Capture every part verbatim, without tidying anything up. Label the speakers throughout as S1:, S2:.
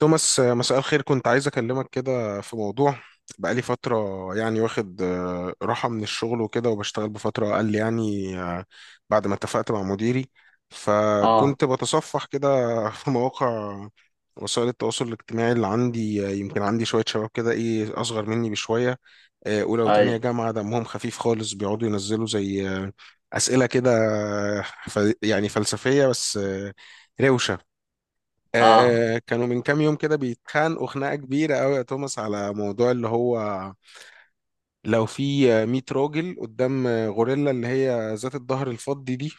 S1: توماس، آه، مساء الخير. كنت عايز أكلمك كده في موضوع بقالي فترة. يعني واخد آه، راحة من الشغل وكده وبشتغل بفترة أقل يعني آه، بعد ما اتفقت مع مديري.
S2: اه،
S1: فكنت بتصفح كده في مواقع وسائل التواصل الاجتماعي اللي عندي، آه، يمكن عندي شوية شباب كده إيه أصغر مني بشوية، آه، أولى
S2: اي،
S1: وتانية جامعة دمهم خفيف خالص بيقعدوا ينزلوا زي آه، أسئلة كده، آه، ف- يعني فلسفية بس آه، روشة.
S2: اه،
S1: آه كانوا من كام يوم كده بيتخانقوا خناقة كبيرة قوي يا توماس على موضوع اللي هو لو في مية راجل قدام غوريلا اللي هي ذات الظهر الفضي دي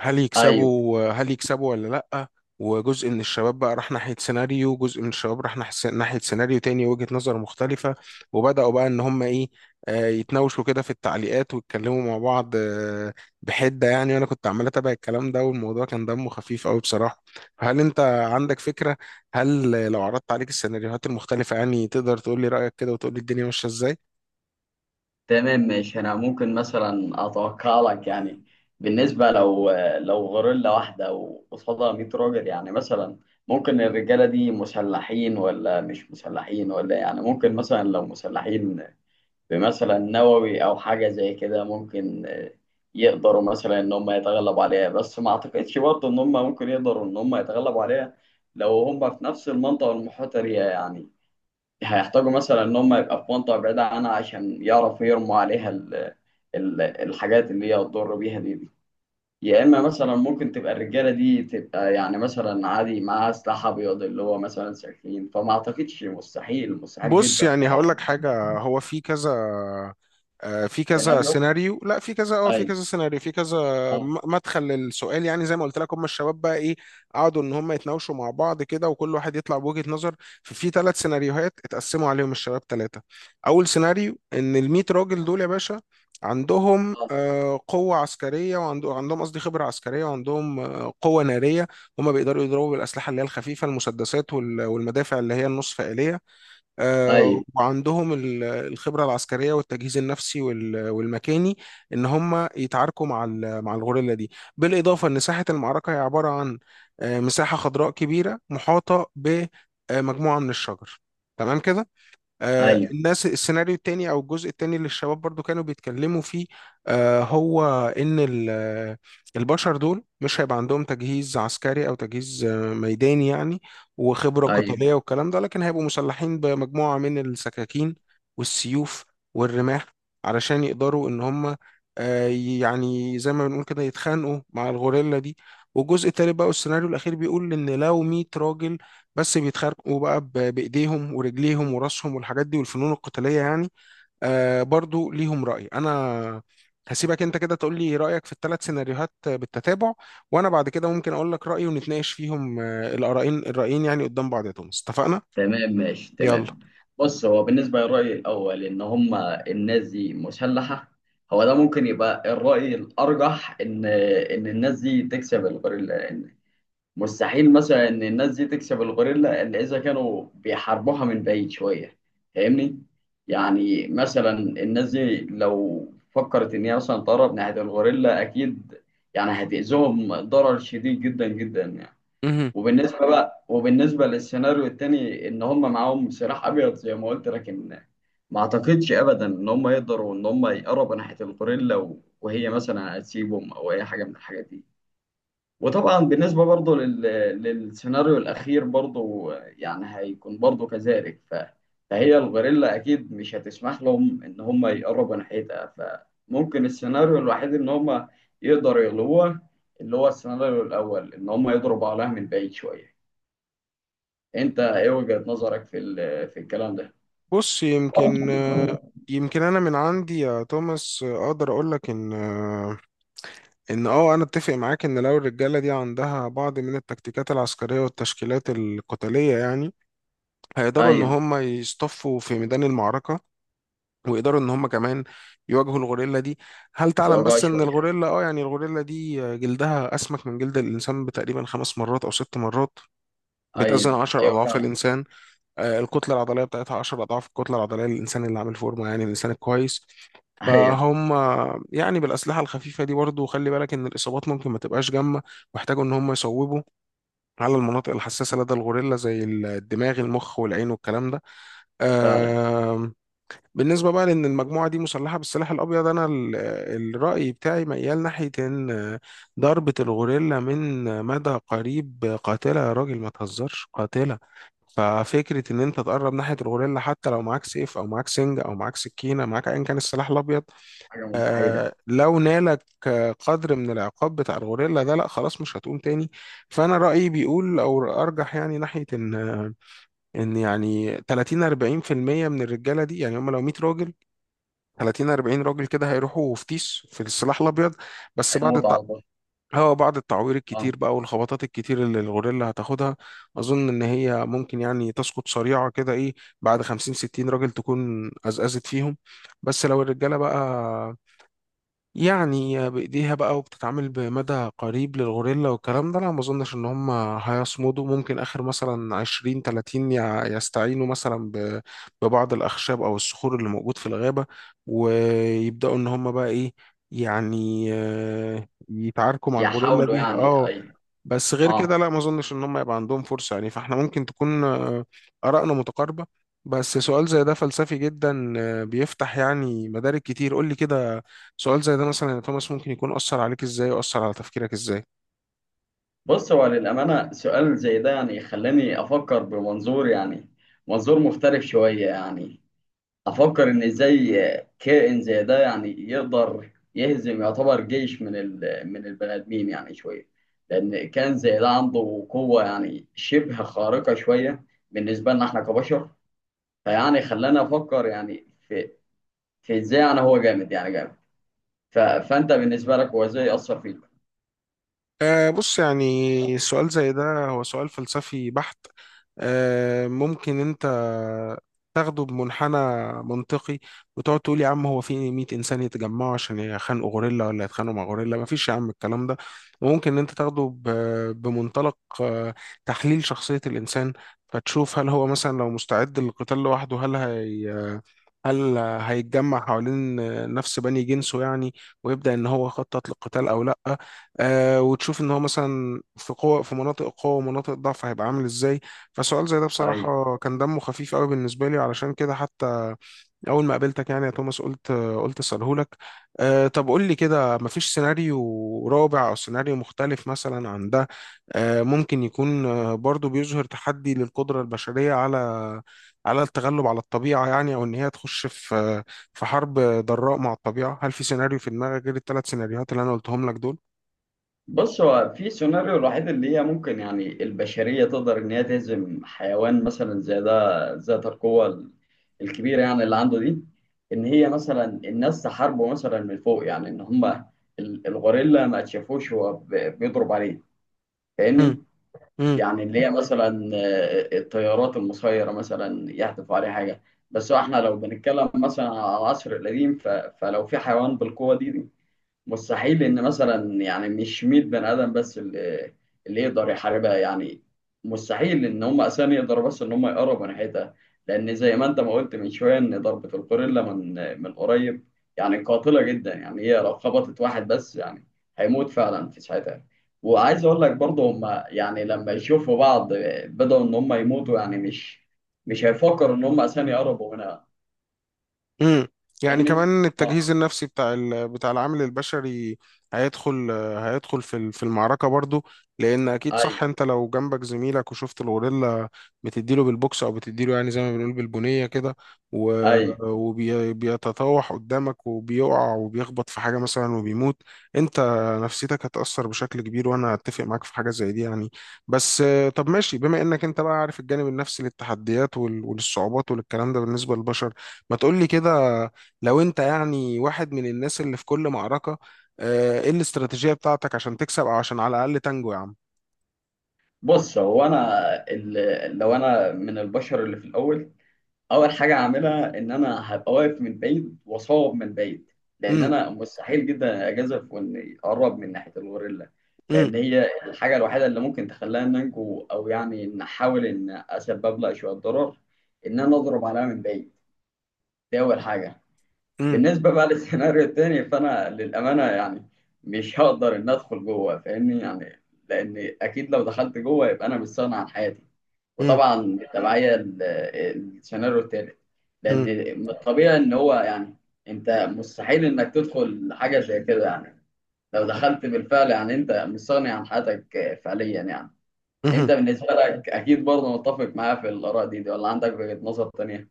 S1: هل
S2: ايوه،
S1: يكسبوا هل يكسبوا ولا لأ. وجزء من الشباب بقى راح ناحية سيناريو، جزء من الشباب راح نح- ناحية سيناريو تاني، وجهة نظر مختلفة. وبدأوا بقى إن هم إيه، آه، يتناوشوا كده في التعليقات ويتكلموا مع بعض آه، بحدة يعني. وأنا كنت عمال أتابع الكلام ده والموضوع كان دمه خفيف أوي بصراحة. فهل أنت عندك فكرة؟ هل لو عرضت عليك السيناريوهات المختلفة يعني تقدر تقول لي رأيك كده وتقول لي الدنيا ماشية إزاي؟
S2: تمام ماشي. انا ممكن مثلا اتوقع لك، يعني بالنسبه لو لو غوريلا واحده وقصادها مية راجل، يعني مثلا ممكن الرجاله دي مسلحين ولا مش مسلحين، ولا يعني ممكن مثلا لو مسلحين بمثلا نووي او حاجه زي كده، ممكن آه، يقدروا مثلا ان هم يتغلبوا عليها. بس ما اعتقدش برضه ان هم ممكن يقدروا ان هم يتغلبوا عليها لو هم في نفس المنطقه المحيطه بيها يعني. هيحتاجوا مثلا ان هم يبقى في منطقه بعيده عنها عشان يعرفوا يرموا عليها ال ال الحاجات اللي هي تضر بيها دي, دي يا اما مثلا ممكن تبقى الرجاله دي تبقى يعني مثلا عادي معاها سلاح ابيض اللي هو مثلا سكين، فما اعتقدش، مستحيل، مستحيل
S1: بص
S2: جدا.
S1: يعني هقول لك حاجة. هو في كذا آه، في كذا
S2: سيناريو،
S1: سيناريو، لا في كذا اه في
S2: ايوه،
S1: كذا سيناريو في كذا
S2: اه،
S1: م- مدخل للسؤال. يعني زي ما قلت لك، هم الشباب بقى ايه، قعدوا ان هم يتناوشوا مع بعض كده وكل واحد يطلع بوجهة نظر. ففي ثلاث سيناريوهات اتقسموا عليهم الشباب ثلاثة. اول سيناريو ان ال مية راجل دول يا باشا عندهم
S2: اه،
S1: آه، قوة عسكرية، وعندهم قصدي خبرة عسكرية، وعندهم آه، قوة نارية. هم بيقدروا يضربوا بالأسلحة اللي هي الخفيفة، المسدسات وال- والمدافع اللي هي النصف آلية، آه،
S2: ايوه،
S1: وعندهم ال- الخبرة العسكرية والتجهيز النفسي وال- والمكاني إن هم يتعاركوا مع ال- مع الغوريلا دي. بالإضافة إن ساحة المعركة هي عبارة عن آه، مساحة خضراء كبيرة محاطة بمجموعة من الشجر. تمام كده. آه،
S2: ايوه،
S1: الناس، السيناريو التاني او الجزء التاني اللي الشباب برضو كانوا بيتكلموا فيه آه، هو ان ال- آه، البشر دول مش هيبقى عندهم تجهيز عسكري او تجهيز آه، ميداني يعني وخبرة
S2: ايوه،
S1: قتالية والكلام ده، لكن هيبقوا مسلحين بمجموعة من السكاكين والسيوف والرماح علشان يقدروا ان هم آه، يعني زي ما بنقول كده يتخانقوا مع الغوريلا دي. والجزء التالت بقى والسيناريو الاخير بيقول ان لو مية راجل بس بيتخانقوا بقى ب- بايديهم ورجليهم وراسهم والحاجات دي والفنون القتاليه يعني. آه برضو ليهم راي. انا هسيبك انت كده تقول لي رايك في الثلاث سيناريوهات بالتتابع، وانا بعد كده ممكن اقول لك رايي ونتناقش فيهم آه، الارائين الرايين يعني قدام بعض يا توماس، اتفقنا.
S2: تمام ماشي
S1: يلا.
S2: تمام. بص، هو بالنسبة للرأي الأول إن هما الناس دي مسلحة، هو ده ممكن يبقى الرأي الأرجح، إن إن الناس دي تكسب الغوريلا، لأن مستحيل مثلا إن الناس دي تكسب الغوريلا إلا إذا كانوا بيحاربوها من بعيد شوية. فاهمني؟ يعني مثلا الناس دي لو فكرت إن هي مثلا تقرب ناحية الغوريلا، أكيد يعني هتأذيهم ضرر شديد جدا جدا يعني.
S1: مهم.
S2: وبالنسبة بقى، وبالنسبة للسيناريو التاني إن هم معاهم سلاح أبيض زي ما قلت، لكن ما أعتقدش أبدا إن هم يقدروا إن هم يقربوا ناحية الغوريلا، و- وهي مثلا هتسيبهم أو أي حاجة من الحاجات دي. وطبعا بالنسبة برضه لل... للسيناريو الأخير برضه، يعني هيكون برضه كذلك، ف... فهي الغوريلا أكيد مش هتسمح لهم إن هم يقربوا ناحيتها. فممكن السيناريو الوحيد إن هم يقدروا يغلبوها اللي هو السيناريو الأول، إن هم يضربوا عليها من بعيد شوية. انت ايه وجهة نظرك في ال- في الكلام ده؟
S1: بص يمكن آه، يمكن انا من عندي يا توماس آه، اقدر اقول لك ان آه، ان اه انا اتفق معاك ان لو الرجاله دي عندها بعض من التكتيكات العسكريه والتشكيلات القتاليه يعني هيقدروا ان
S2: ايوه،
S1: هم يصطفوا في ميدان المعركه، ويقدروا ان هم كمان يواجهوا الغوريلا دي. هل تعلم
S2: يوجعوا
S1: بس ان
S2: شويه.
S1: الغوريلا اه يعني الغوريلا دي جلدها اسمك من جلد الانسان بتقريبا خمس مرات او ست مرات،
S2: ايوه،
S1: بتزن عشر
S2: ايوه
S1: اضعاف
S2: فعلا.
S1: الانسان. آه، الكتله العضليه بتاعتها عشر اضعاف الكتله العضليه للانسان اللي عامل فورمه يعني الانسان الكويس.
S2: ايوه
S1: فهم يعني بالأسلحة الخفيفة دي برضه خلي بالك إن الإصابات ممكن ما تبقاش جامة، واحتاجوا إن هم يصوبوا على المناطق الحساسة لدى الغوريلا زي الدماغ، المخ، والعين، والكلام ده.
S2: فعلا.
S1: آم، بالنسبة بقى لأن المجموعة دي مسلحة بالسلاح الأبيض، أنا ال- الرأي بتاعي ميال ناحية إن ضربة الغوريلا من مدى قريب قاتلة يا راجل، ما تهزرش، قاتلة. ففكرة إن أنت تقرب ناحية الغوريلا حتى لو معاك سيف أو معاك سنج أو معاك سكينة، معاك أيا كان السلاح الأبيض،
S2: حاجه مستحيله.
S1: آه، لو نالك آه، قدر من العقاب بتاع الغوريلا ده، لأ خلاص مش هتقوم تاني. فأنا رأيي بيقول أو أرجح يعني ناحية إن ان يعني تلاتين اربعين في المية من الرجاله دي، يعني هم لو مية راجل، تلاتين اربعين راجل كده هيروحوا فتيش في السلاح الابيض. بس بعد
S2: هيموت
S1: التع...
S2: على البشر.
S1: هو بعد التعوير
S2: اه.
S1: الكتير بقى والخبطات الكتير اللي الغوريلا هتاخدها، اظن ان هي ممكن يعني تسقط سريعه كده ايه، بعد خمسين ستين راجل تكون ازأزت فيهم. بس لو الرجاله بقى يعني بإيديها بقى وبتتعامل بمدى قريب للغوريلا والكلام ده، أنا ما أظنش إن هم هيصمدوا. ممكن آخر مثلا عشرين تلاتين يع- يستعينوا مثلا ب- ببعض الأخشاب أو الصخور اللي موجود في الغابة، ويبدأوا إن هم بقى إيه، يعني آه، يتعاركوا مع الغوريلا
S2: يحاولوا
S1: بيها
S2: يعني،
S1: اه
S2: ايوه.
S1: بس غير
S2: اه،
S1: كده لا، ما اظنش ان هم يبقى عندهم فرصه يعني. فاحنا ممكن تكون آه، ارائنا متقاربه. بس سؤال زي ده فلسفي جدا، آه، بيفتح يعني مدارك كتير. قول لي كده، سؤال زي ده مثلا يا توماس ممكن يكون اثر عليك ازاي واثر على تفكيرك ازاي؟
S2: بص، هو للامانه سؤال زي ده يعني خلاني افكر بمنظور، يعني منظور مختلف شويه يعني. افكر ان ازاي كائن زي ده يعني يقدر يهزم، يعتبر، جيش من ال... من البني ادمين يعني شويه، لان كائن زي ده عنده قوه يعني شبه خارقه شويه بالنسبه لنا احنا كبشر. فيعني خلانا افكر، يعني في في ازاي، يعني هو جامد يعني جامد. ف... فانت بالنسبه لك هو ازاي اثر فيك؟
S1: أه بص، يعني سؤال زي ده هو سؤال فلسفي بحت. أه ممكن انت تاخده بمنحنى منطقي وتقعد تقول يا عم، هو في مئة انسان يتجمعوا عشان يخانقوا غوريلا ولا يتخانقوا مع غوريلا، مفيش يا عم الكلام ده. وممكن ان انت تاخده ب- بمنطلق آه، تحليل شخصية الانسان، فتشوف هل هو مثلا لو مستعد للقتال لوحده، هل هي، هل هيتجمع حوالين نفس بني جنسه يعني ويبدأ ان هو يخطط للقتال او لا. آه وتشوف ان هو مثلا في قوة، في مناطق قوة ومناطق ضعف هيبقى عامل ازاي. فسؤال زي ده
S2: ايوه.
S1: بصراحة كان دمه خفيف قوي بالنسبة لي، علشان كده حتى اول ما قابلتك يعني يا توماس قلت قلت اساله لك. آه طب قول لي كده، مفيش سيناريو رابع او سيناريو مختلف مثلا عن ده، آه ممكن يكون آه برضو بيظهر تحدي للقدرة البشرية على على التغلب على الطبيعة يعني، او ان هي تخش في في حرب ضراء مع الطبيعة؟ هل في سيناريو في دماغك غير الثلاث سيناريوهات اللي انا قلتهم لك دول؟
S2: بص، هو في سيناريو الوحيد اللي هي ممكن يعني البشرية تقدر إن هي تهزم حيوان مثلا زي ده، ذات القوة ال- الكبيرة يعني اللي عنده دي، إن هي مثلا الناس تحاربه مثلا من فوق، يعني إن هما ال- الغوريلا ما تشافوش هو ب- بيضرب عليه. فاهمني؟
S1: امم.
S2: يعني اللي هي مثلا آه، الطيارات المسيرة مثلا يحدفوا عليه حاجة. بس هو إحنا لو بنتكلم مثلا على العصر القديم، ف- فلو في حيوان بالقوة دي، مستحيل ان مثلا، يعني مش مائة بني ادم بس اللي اللي يقدر يحاربها يعني. مستحيل ان هم اساسا يقدروا بس ان هم يقربوا ناحيتها، لان زي ما انت ما قلت من شويه ان ضربه الغوريلا من من قريب، يعني قاتله جدا، يعني هي لو خبطت واحد بس يعني هيموت فعلا في ساعتها. وعايز اقول لك برضه، هم يعني لما يشوفوا بعض بدأوا ان هم يموتوا، يعني مش مش هيفكروا ان هم اساسا يقربوا منها.
S1: امم. يعني
S2: فاهمني؟
S1: كمان
S2: اه،
S1: التجهيز النفسي بتاع ال... بتاع العامل البشري هيدخل هيدخل في ال- في المعركة برضو. لأن أكيد صح،
S2: ايوه،
S1: أنت لو جنبك زميلك وشفت الغوريلا بتديله بالبوكس أو بتديله يعني زي ما بنقول بالبنية كده و...
S2: ايوه.
S1: وبيتطوح قدامك وبيقع وبيخبط في حاجة مثلا وبيموت، أنت نفسيتك هتأثر بشكل كبير. وأنا أتفق معاك في حاجة زي دي يعني. بس آه، طب ماشي، بما إنك أنت بقى عارف الجانب النفسي للتحديات وال... وللصعوبات وللكلام ده بالنسبة للبشر، ما تقولي كده، لو انت يعني واحد من الناس اللي في كل معركة، آه، ايه الاستراتيجية بتاعتك عشان تكسب او عشان على الأقل تنجو يا عم؟
S2: بص، هو انا، ال- لو انا من البشر اللي في الاول، اول حاجه هعملها ان انا هبقى واقف من بعيد واصوب من بعيد، لان
S1: امم.
S2: انا مستحيل جدا اجازف واني اقرب من ناحيه الغوريلا،
S1: امم.
S2: لان هي الحاجه الوحيده اللي ممكن تخليها إن انجو، او يعني ان احاول ان اسبب لها شويه ضرر، ان انا اضرب عليها من بعيد. دي اول حاجه. بالنسبه بقى للسيناريو التاني، فانا للامانه يعني مش هقدر ان ادخل جوه، فاهمني يعني، لان اكيد لو دخلت جوه يبقى انا مستغني عن حياتي.
S1: امم.
S2: وطبعا التبعية، ال- السيناريو التالت، لأن
S1: امم.
S2: من الطبيعي إن هو، يعني أنت مستحيل إنك تدخل حاجة زي كده يعني، لو دخلت بالفعل يعني أنت مستغني عن حياتك فعليا يعني.
S1: امم.
S2: أنت بالنسبة لك أكيد برضه متفق معايا في الآراء دي, دي ولا عندك وجهة نظر تانية؟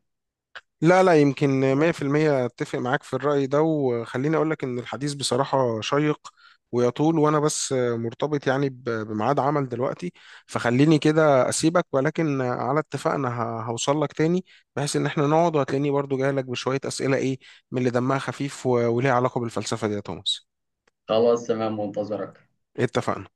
S1: لا لا، يمكن مية في المية اتفق معاك في الرأي ده. وخليني اقولك ان الحديث بصراحة شيق ويطول، وانا بس مرتبط يعني ب- بميعاد عمل دلوقتي. فخليني كده اسيبك، ولكن على اتفاقنا ه- هوصلك تاني، بحيث ان احنا نقعد وهتلاقيني برضو جاي لك بشوية اسئلة ايه من اللي دمها خفيف و- وليها علاقة بالفلسفة دي يا توماس.
S2: خلاص تمام، منتظرك.
S1: إيه، اتفقنا.